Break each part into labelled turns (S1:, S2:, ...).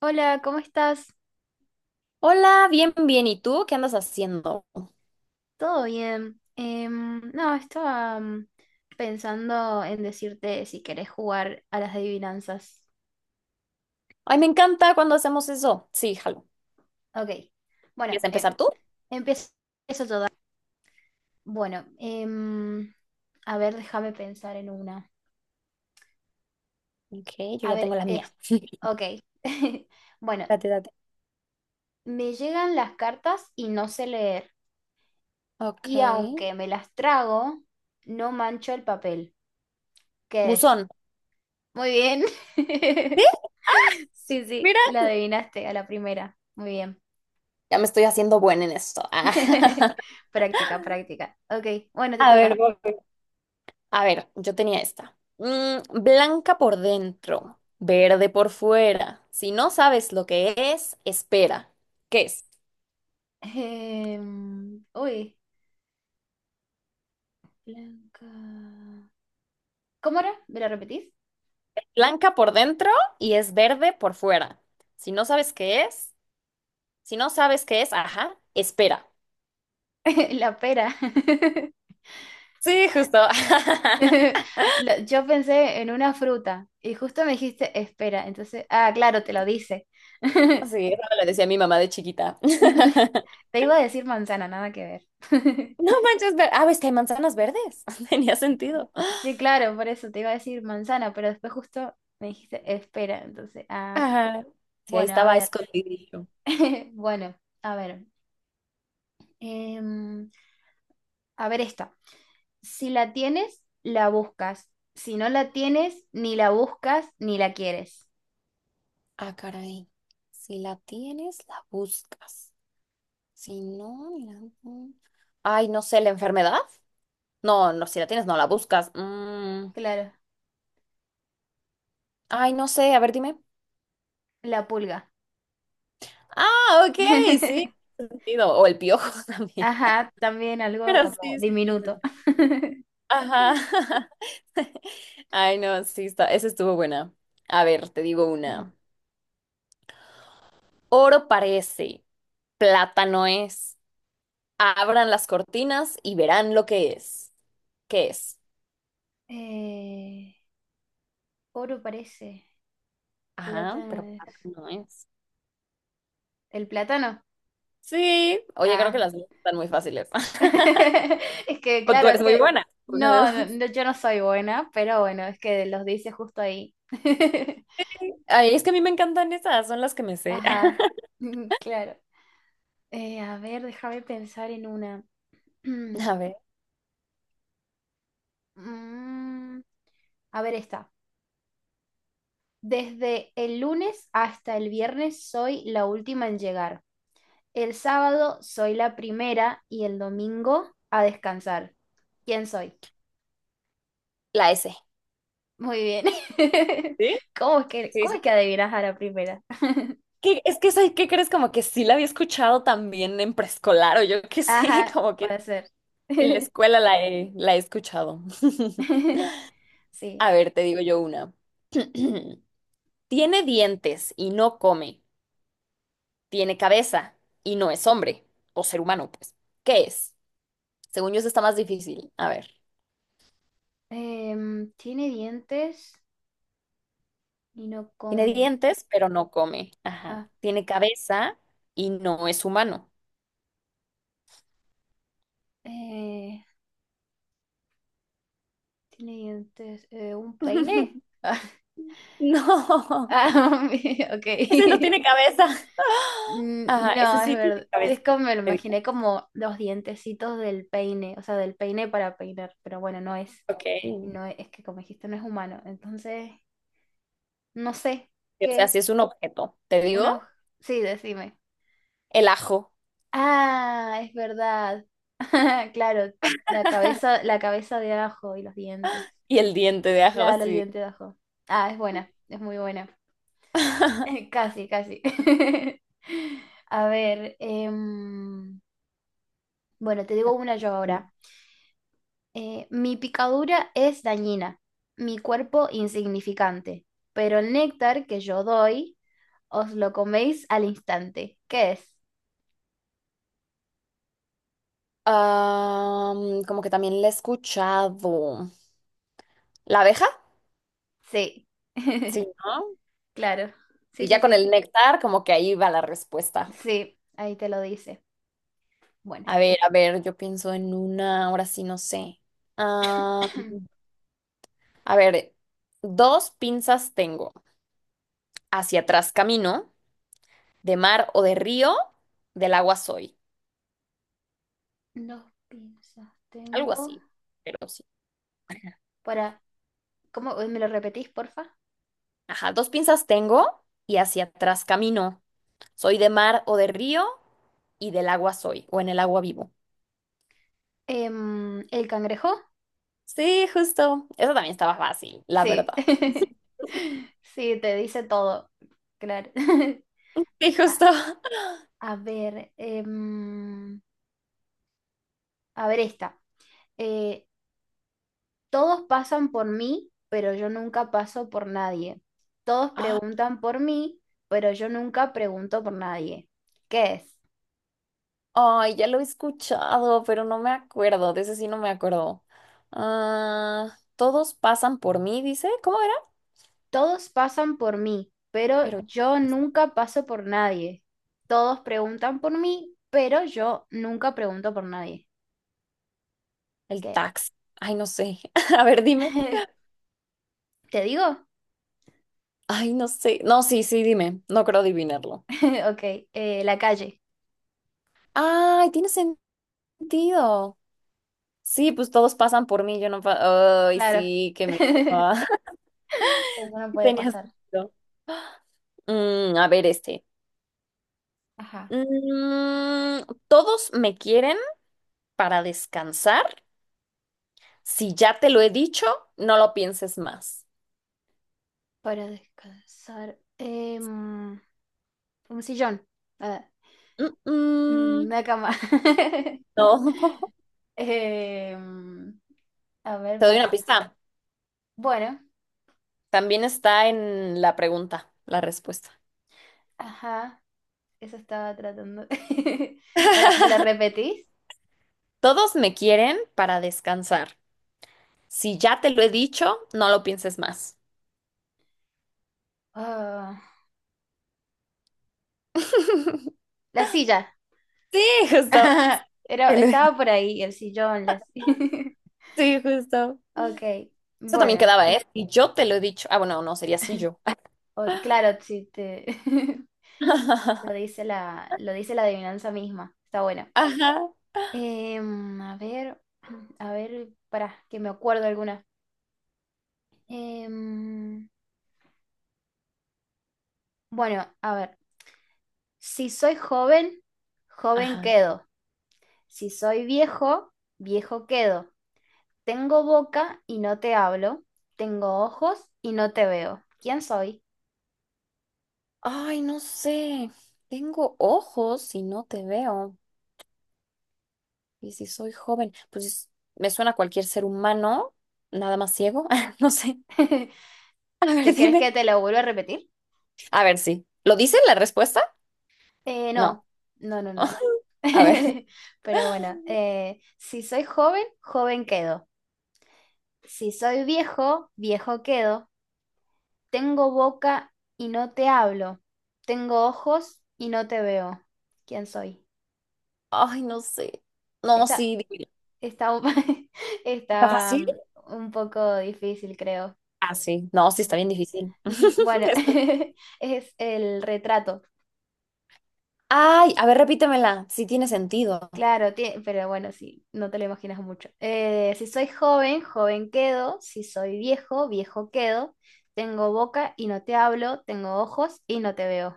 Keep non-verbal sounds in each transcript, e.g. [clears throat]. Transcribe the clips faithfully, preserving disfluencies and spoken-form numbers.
S1: Hola, ¿cómo estás?
S2: Hola, bien, bien. ¿Y tú qué andas haciendo?
S1: ¿Todo bien? Em, no, estaba mm, pensando en decirte si querés jugar a las adivinanzas.
S2: Ay, me encanta cuando hacemos eso. Sí, jalo.
S1: Ok,
S2: ¿Quieres
S1: bueno,
S2: empezar
S1: eh,
S2: tú?
S1: empiezo yo. da- Bueno, em, a ver, déjame pensar en una.
S2: Ok, yo
S1: A
S2: ya tengo
S1: ver,
S2: la
S1: es,
S2: mía. [laughs]
S1: ok. [laughs] Bueno,
S2: Date, date.
S1: me llegan las cartas y no sé leer.
S2: Ok.
S1: Y aunque me las trago, no mancho el papel. ¿Qué es?
S2: Buzón.
S1: Muy bien.
S2: ¿Sí?
S1: [laughs] Sí, sí,
S2: Mira,
S1: la adivinaste a la primera. Muy bien.
S2: ya me estoy haciendo buena en esto. Ah.
S1: [laughs]
S2: [laughs]
S1: Práctica, práctica. Ok, bueno, te
S2: A ver,
S1: toca.
S2: voy. A ver, yo tenía esta. Mm, blanca por dentro, verde por fuera. Si no sabes lo que es, espera. ¿Qué es?
S1: Em, uy, Blanca. ¿Cómo era? ¿Me la repetís?
S2: Blanca por dentro y es verde por fuera. Si no sabes qué es, Si no sabes qué es, ajá, espera.
S1: [laughs] La pera.
S2: Sí, justo.
S1: [laughs]
S2: [laughs]
S1: Lo- Yo pensé en una fruta y justo me dijiste espera. Entonces, ah, claro, te lo dice. [laughs]
S2: Sí, eso me lo decía mi mamá de chiquita. [laughs]
S1: Te iba a decir manzana, nada que ver. [laughs]
S2: No manches, ver. Ah, ves que hay manzanas verdes. [laughs] Tenía sentido.
S1: Sí, claro, por eso te iba a decir manzana, pero después justo me dijiste espera. Entonces, ah,
S2: Ajá. Sí, ahí
S1: bueno, a
S2: estaba
S1: ver.
S2: escondidillo.
S1: [laughs] Bueno, a ver, em, a ver esta. Si la tienes, la buscas. Si no la tienes, ni la buscas ni la quieres.
S2: Ah, caray. Si la tienes, la buscas. Si no, la... Ay, no sé, ¿la enfermedad? No, no, si la tienes, no la buscas. Mm,
S1: Claro,
S2: Ay, no sé, a ver, dime.
S1: la pulga.
S2: Ah, ok, sí.
S1: [laughs]
S2: Sentido. O el piojo [laughs] también.
S1: Ajá, también algo
S2: Pero
S1: como
S2: sí, sí tiene
S1: diminuto.
S2: sentido.
S1: [laughs]
S2: Ajá. [laughs] Ay, no, sí, está. Esa estuvo buena. A ver, te digo una. Oro parece, plátano es. Abran las cortinas y verán lo que es. ¿Qué es?
S1: Eh, oro parece,
S2: Ajá,
S1: plátano
S2: pero
S1: es.
S2: plátano es.
S1: ¿El plátano?
S2: Sí. Oye, creo que
S1: Ah.
S2: las
S1: [laughs]
S2: dos están muy fáciles. [laughs]
S1: Es que,
S2: O tú
S1: claro,
S2: eres
S1: es
S2: muy
S1: que.
S2: buena. Una de
S1: No,
S2: dos.
S1: no, no, yo no soy buena, pero bueno, es que los dice justo ahí. [laughs]
S2: Ay, es que a mí me encantan esas, son las que me sé.
S1: Ajá,
S2: [laughs]
S1: [laughs] claro. Eh, a ver, déjame pensar en una. [clears throat]
S2: A ver,
S1: Mm, a ver, esta. Desde el lunes hasta el viernes soy la última en llegar. El sábado soy la primera y el domingo a descansar. ¿Quién soy?
S2: la S.
S1: Muy bien. [laughs]
S2: ¿Sí?
S1: ¿Cómo es que,
S2: Sí,
S1: cómo
S2: sí,
S1: es que adivinas a la primera? [laughs]
S2: que, es que, ¿sabes qué crees? Como que sí la había escuchado también en preescolar o yo qué sé, [laughs]
S1: Ajá,
S2: como que
S1: puede ser.
S2: en la
S1: [laughs]
S2: escuela la he, la he escuchado. [laughs]
S1: [laughs] Sí.
S2: A ver, te digo yo una. [clears throat] Tiene dientes y no come. Tiene cabeza y no es hombre o ser humano, pues. ¿Qué es? Según yo, eso está más difícil. A ver.
S1: Em, tiene dientes y no
S2: Tiene
S1: come.
S2: dientes, pero no come. Ajá.
S1: Ajá.
S2: Tiene cabeza y no es humano.
S1: Eh, tiene dientes. eh, ¿un peine?
S2: [laughs]
S1: Ah, [laughs]
S2: No,
S1: ah, [laughs] ok.
S2: ese no tiene
S1: [laughs]
S2: cabeza. [laughs] [gasps]
S1: Mm,
S2: Ajá, ese
S1: no, es
S2: sí tiene
S1: verdad. Es
S2: cabeza.
S1: como me lo imaginé como los dientecitos del peine, o sea, del peine para peinar, pero bueno, no es,
S2: Ok. Y,
S1: no es, es que como dijiste, no es humano. Entonces, no sé
S2: o
S1: qué
S2: sea,
S1: es.
S2: si es un objeto, te
S1: Uno,
S2: digo,
S1: sí, decime.
S2: el ajo
S1: Ah, es verdad. [laughs] Claro, la cabeza, la cabeza de ajo y los dientes.
S2: y el diente de ajo,
S1: Claro, el
S2: sí.
S1: diente de ajo. Ah, es buena, es muy buena. [laughs]
S2: [laughs]
S1: Casi, casi. [laughs] A ver, em, bueno, te digo una yo ahora. Eh, mi picadura es dañina, mi cuerpo insignificante, pero el néctar que yo doy os lo coméis al instante. ¿Qué es?
S2: Am, como que también la he escuchado. ¿La abeja?
S1: Sí.
S2: Sí,
S1: [laughs]
S2: ¿no?
S1: Claro. Sí,
S2: Y ya
S1: sí,
S2: con
S1: sí.
S2: el néctar, como que ahí va la respuesta.
S1: Sí, ahí te lo dice. Bueno,
S2: A ver, a ver, yo pienso en una, ahora sí no sé. Ah,
S1: [clears throat]
S2: a ver, dos pinzas tengo. Hacia atrás camino, de mar o de río, del agua soy.
S1: dos pinzas
S2: Algo
S1: tengo.
S2: así, pero sí.
S1: Para, ¿cómo me lo repetís, porfa?
S2: Ajá, dos pinzas tengo y hacia atrás camino. Soy de mar o de río y del agua soy, o en el agua vivo.
S1: Em, el cangrejo.
S2: Sí, justo. Eso también estaba fácil, la
S1: Sí,
S2: verdad.
S1: [laughs] sí, te dice todo, claro. [laughs]
S2: Sí, justo.
S1: A,
S2: [laughs]
S1: a ver, em, a ver esta. Eh, todos pasan por mí, pero yo nunca paso por nadie. Todos
S2: Ah,
S1: preguntan por mí, pero yo nunca pregunto por nadie. ¿Qué es?
S2: ay, ya lo he escuchado, pero no me acuerdo. De ese sí no me acuerdo. Ah, todos pasan por mí, dice. ¿Cómo era?
S1: Todos pasan por mí, pero
S2: Pero
S1: yo nunca paso por nadie. Todos preguntan por mí, pero yo nunca pregunto por nadie.
S2: el
S1: ¿Qué
S2: taxi. Ay, no sé. [laughs] A ver, dime.
S1: es? [laughs] ¿Te digo?
S2: Ay, no sé. No, sí, sí, dime. No creo adivinarlo.
S1: [laughs] Ok, eh, la calle,
S2: Ay, tiene sentido. Sí, pues todos pasan por mí, yo no pa- Ay,
S1: claro.
S2: sí, que me... [laughs]
S1: [laughs] Eso no puede
S2: tenías
S1: pasar.
S2: sentido. Mm, a ver este.
S1: Ajá.
S2: Mm, Todos me quieren para descansar. Si ya te lo he dicho, no lo pienses más.
S1: Para descansar. em, un sillón. Ah,
S2: Mm,
S1: mm,
S2: mm,
S1: una cama. [laughs]
S2: no. [laughs]
S1: Em, a ver,
S2: Te doy una
S1: para.
S2: pista.
S1: Bueno,
S2: También está en la pregunta, la respuesta.
S1: ajá. Eso estaba tratando. [laughs] Para, ¿me lo repetís?
S2: Todos me quieren para descansar. Si ya te lo he dicho, no lo pienses más.
S1: Ah,
S2: [laughs]
S1: la silla.
S2: Sí, justo.
S1: [laughs] Era,
S2: Te lo-
S1: estaba por ahí, el sillón, la silla. [laughs]
S2: Sí, justo.
S1: Ok,
S2: Eso también
S1: bueno.
S2: quedaba, ¿eh? Y yo te lo he dicho. Ah, bueno, no, sería sí yo.
S1: o- claro, si te. [laughs]
S2: [laughs]
S1: Lo dice la, lo dice la adivinanza misma. Está bueno.
S2: Ajá.
S1: Em, a ver, [clears throat] a ver, para que me acuerdo alguna. Em, bueno, a ver. Si soy joven, joven
S2: Ajá.
S1: quedo. Si soy viejo, viejo quedo. Tengo boca y no te hablo. Tengo ojos y no te veo. ¿Quién soy?
S2: Ay, no sé. Tengo ojos y no te veo. Y si soy joven, pues me suena a cualquier ser humano, nada más ciego. [laughs] No sé.
S1: [laughs]
S2: A ver,
S1: ¿Te crees
S2: dime.
S1: que te lo vuelvo a repetir?
S2: A ver, sí. ¿Lo dice la respuesta?
S1: Eh,
S2: No.
S1: no, no, no, no.
S2: [laughs] A ver.
S1: [laughs] Pero bueno, eh, si soy joven, joven quedo. Si soy viejo, viejo quedo. Tengo boca y no te hablo. Tengo ojos y no te veo. ¿Quién soy?
S2: Ay, no sé. No,
S1: Está,
S2: sí, dime.
S1: está, un- [laughs]
S2: ¿Está
S1: está
S2: fácil?
S1: um, un poco difícil, creo.
S2: Ah, sí. No, sí, está bien difícil.
S1: Ujú, Bueno,
S2: [laughs] Es
S1: [laughs] es el retrato.
S2: ay, a ver, repítemela, si tiene sentido.
S1: Claro, tie- pero bueno, sí, no te lo imaginas mucho. Eh, si soy joven, joven quedo. Si soy viejo, viejo quedo. Tengo boca y no te hablo. Tengo ojos y no te veo.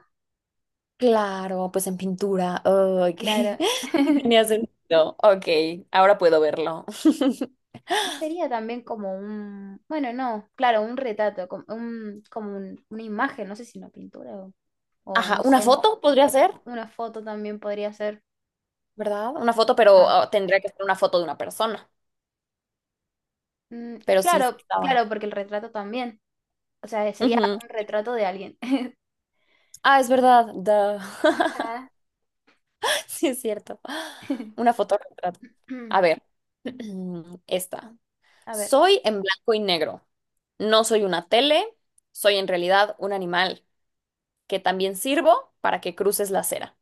S2: Claro, pues en pintura. Ok. [laughs]
S1: Claro.
S2: Sí, tenía
S1: [laughs]
S2: sentido. Ok, ahora puedo verlo. [laughs]
S1: Y sería también como un, bueno, no, claro, un retrato, como, un, como un- una imagen, no sé si una pintura o, o
S2: Ajá,
S1: no
S2: una
S1: sé,
S2: foto podría ser,
S1: una foto también podría ser.
S2: ¿verdad? Una foto, pero
S1: Ajá.
S2: ah, tendría que ser una foto de una persona.
S1: Mm,
S2: Pero sí, sí
S1: claro,
S2: estaba.
S1: claro, porque el retrato también, o sea, sería
S2: Ujú.
S1: un retrato de alguien. [laughs]
S2: Ah, es verdad. Duh. [laughs]
S1: Ajá.
S2: Sí, es cierto. Una
S1: [clears throat]
S2: foto retrato. A ver, [clears throat] esta.
S1: A ver.
S2: Soy en blanco y negro. No soy una tele, soy en realidad un animal. Que también sirvo para que cruces la acera.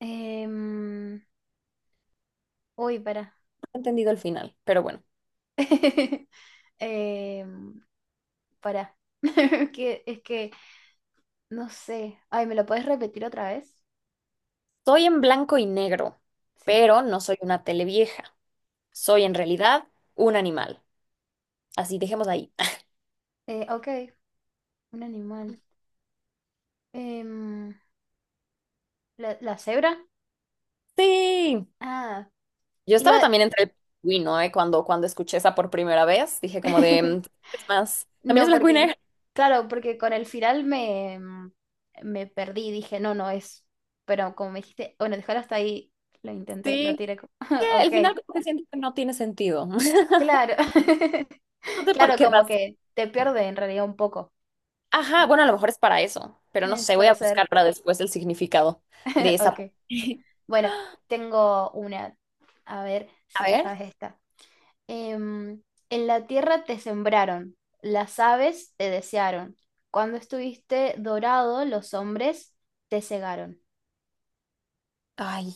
S1: em, uy, para.
S2: No he entendido el final, pero bueno.
S1: [laughs] para. [laughs] que, es que, no sé. Ay, ¿me lo puedes repetir otra vez?
S2: Soy en blanco y negro,
S1: Sí.
S2: pero no soy una televieja. Soy en realidad un animal. Así dejemos ahí. [laughs]
S1: Eh, ok. Un animal. Em, ¿la, la cebra?
S2: Sí.
S1: Ah,
S2: Yo estaba
S1: iba...
S2: también entre el pingüino, ¿eh? Cuando, cuando escuché esa por primera vez, dije como de, "Mm,
S1: [laughs]
S2: es más, también es
S1: No,
S2: blanco y negro."
S1: porque... Claro, porque con el final me, em, me perdí. Dije, no, no es... Pero como me dijiste, bueno, déjalo hasta ahí. Lo intenté, lo
S2: Sí.
S1: tiré como...
S2: Que
S1: [laughs]
S2: al
S1: Ok,
S2: final como que siento que no tiene sentido. [laughs]
S1: claro. [laughs]
S2: No sé por
S1: Claro,
S2: qué
S1: como
S2: razón.
S1: que te pierde en realidad un poco.
S2: Ajá, bueno, a lo mejor es para eso, pero no
S1: Eh,
S2: sé, voy
S1: puede
S2: a
S1: ser.
S2: buscar para después el significado de
S1: [laughs]
S2: esa.
S1: Ok.
S2: [laughs]
S1: Bueno, tengo una. A ver
S2: A
S1: si te
S2: ver.
S1: sabes esta. Em, en la tierra te sembraron, las aves te desearon. Cuando estuviste dorado, los hombres te cegaron.
S2: Ay,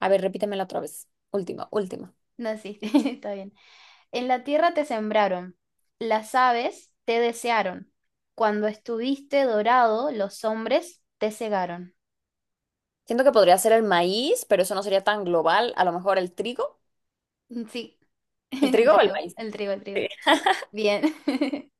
S2: a ver, repítemela otra vez. Última, última.
S1: No, sí, [laughs] está bien. En la tierra te sembraron, las aves te desearon. Cuando estuviste dorado, los hombres te cegaron.
S2: Siento que podría ser el maíz, pero eso no sería tan global. A lo mejor el trigo.
S1: Sí,
S2: ¿El
S1: [laughs] el
S2: trigo o el
S1: trigo,
S2: maíz?
S1: el trigo, el trigo.
S2: Sí.
S1: Bien. [laughs]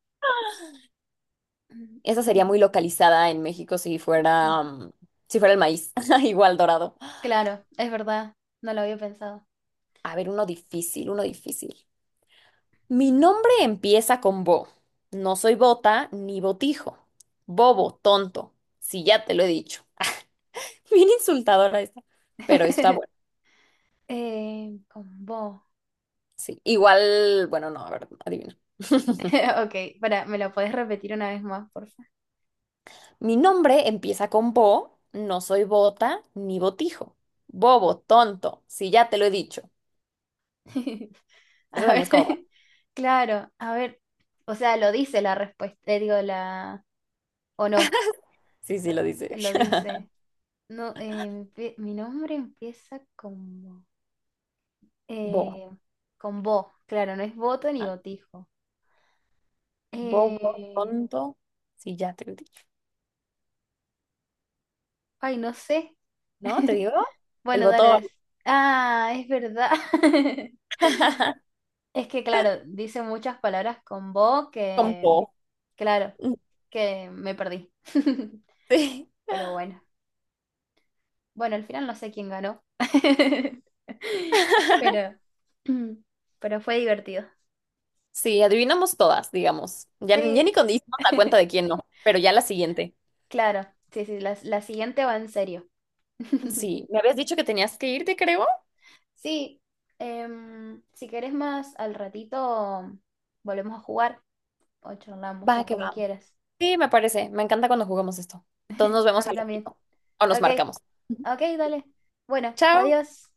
S2: Esa sería muy localizada en México si fuera, mm, si fuera el maíz. [laughs] Igual dorado.
S1: Claro, es verdad, no lo había pensado.
S2: A ver, uno difícil, uno difícil. Mi nombre empieza con bo. No soy bota ni botijo. Bobo, tonto. Si ya te lo he dicho. [laughs] Bien insultadora esta. Pero está bueno.
S1: [laughs] Eh, con vos.
S2: Sí. Igual, bueno, no, a ver, adivina. [laughs]
S1: [laughs] Ok, para, ¿me lo podés repetir una vez más, porfa?
S2: Mi nombre empieza con bo, no soy bota ni botijo. Bobo, tonto, si ya te lo he dicho.
S1: [laughs] A
S2: Esa también
S1: ver,
S2: es como...
S1: [laughs]
S2: [laughs]
S1: claro, a ver, o sea, lo dice la respuesta, eh, digo, la, o no,
S2: Sí, sí,
S1: lo,
S2: lo dice.
S1: lo
S2: [laughs]
S1: dice. No, eh, empie- mi nombre empieza con bo,
S2: Bo.
S1: eh, con bo, claro, no es voto ni
S2: Ajá.
S1: botijo.
S2: Bobo,
S1: Eh,
S2: tonto, si ya te lo he dicho.
S1: ay, no sé.
S2: ¿No? ¿Te
S1: [laughs]
S2: digo? El
S1: Bueno, dale.
S2: botón.
S1: des- Ah, es verdad. [laughs]
S2: [laughs]
S1: Es que, claro, dice muchas palabras con vos
S2: Con
S1: que,
S2: bo.
S1: claro, que me perdí. [laughs]
S2: Sí.
S1: Pero bueno, bueno, al final no sé quién ganó. [laughs]
S2: [laughs]
S1: Pero, [clears throat] pero fue divertido.
S2: Sí, adivinamos todas, digamos. Ya, ya
S1: Sí,
S2: ni con dimos la cuenta
S1: [laughs]
S2: de quién no, pero ya la siguiente.
S1: claro, sí, sí, la, la siguiente va en serio. [laughs]
S2: Sí, me habías dicho que tenías que irte, creo.
S1: Sí, em, si querés más al ratito, volvemos a jugar o
S2: Va,
S1: charlamos,
S2: que
S1: como
S2: va.
S1: quieras.
S2: Sí, me parece. Me encanta cuando jugamos esto. Entonces nos
S1: A
S2: vemos
S1: mí
S2: al
S1: también.
S2: ratito. O nos
S1: Ok,
S2: marcamos. Ujú.
S1: ok, dale. Bueno,
S2: Chao.
S1: adiós.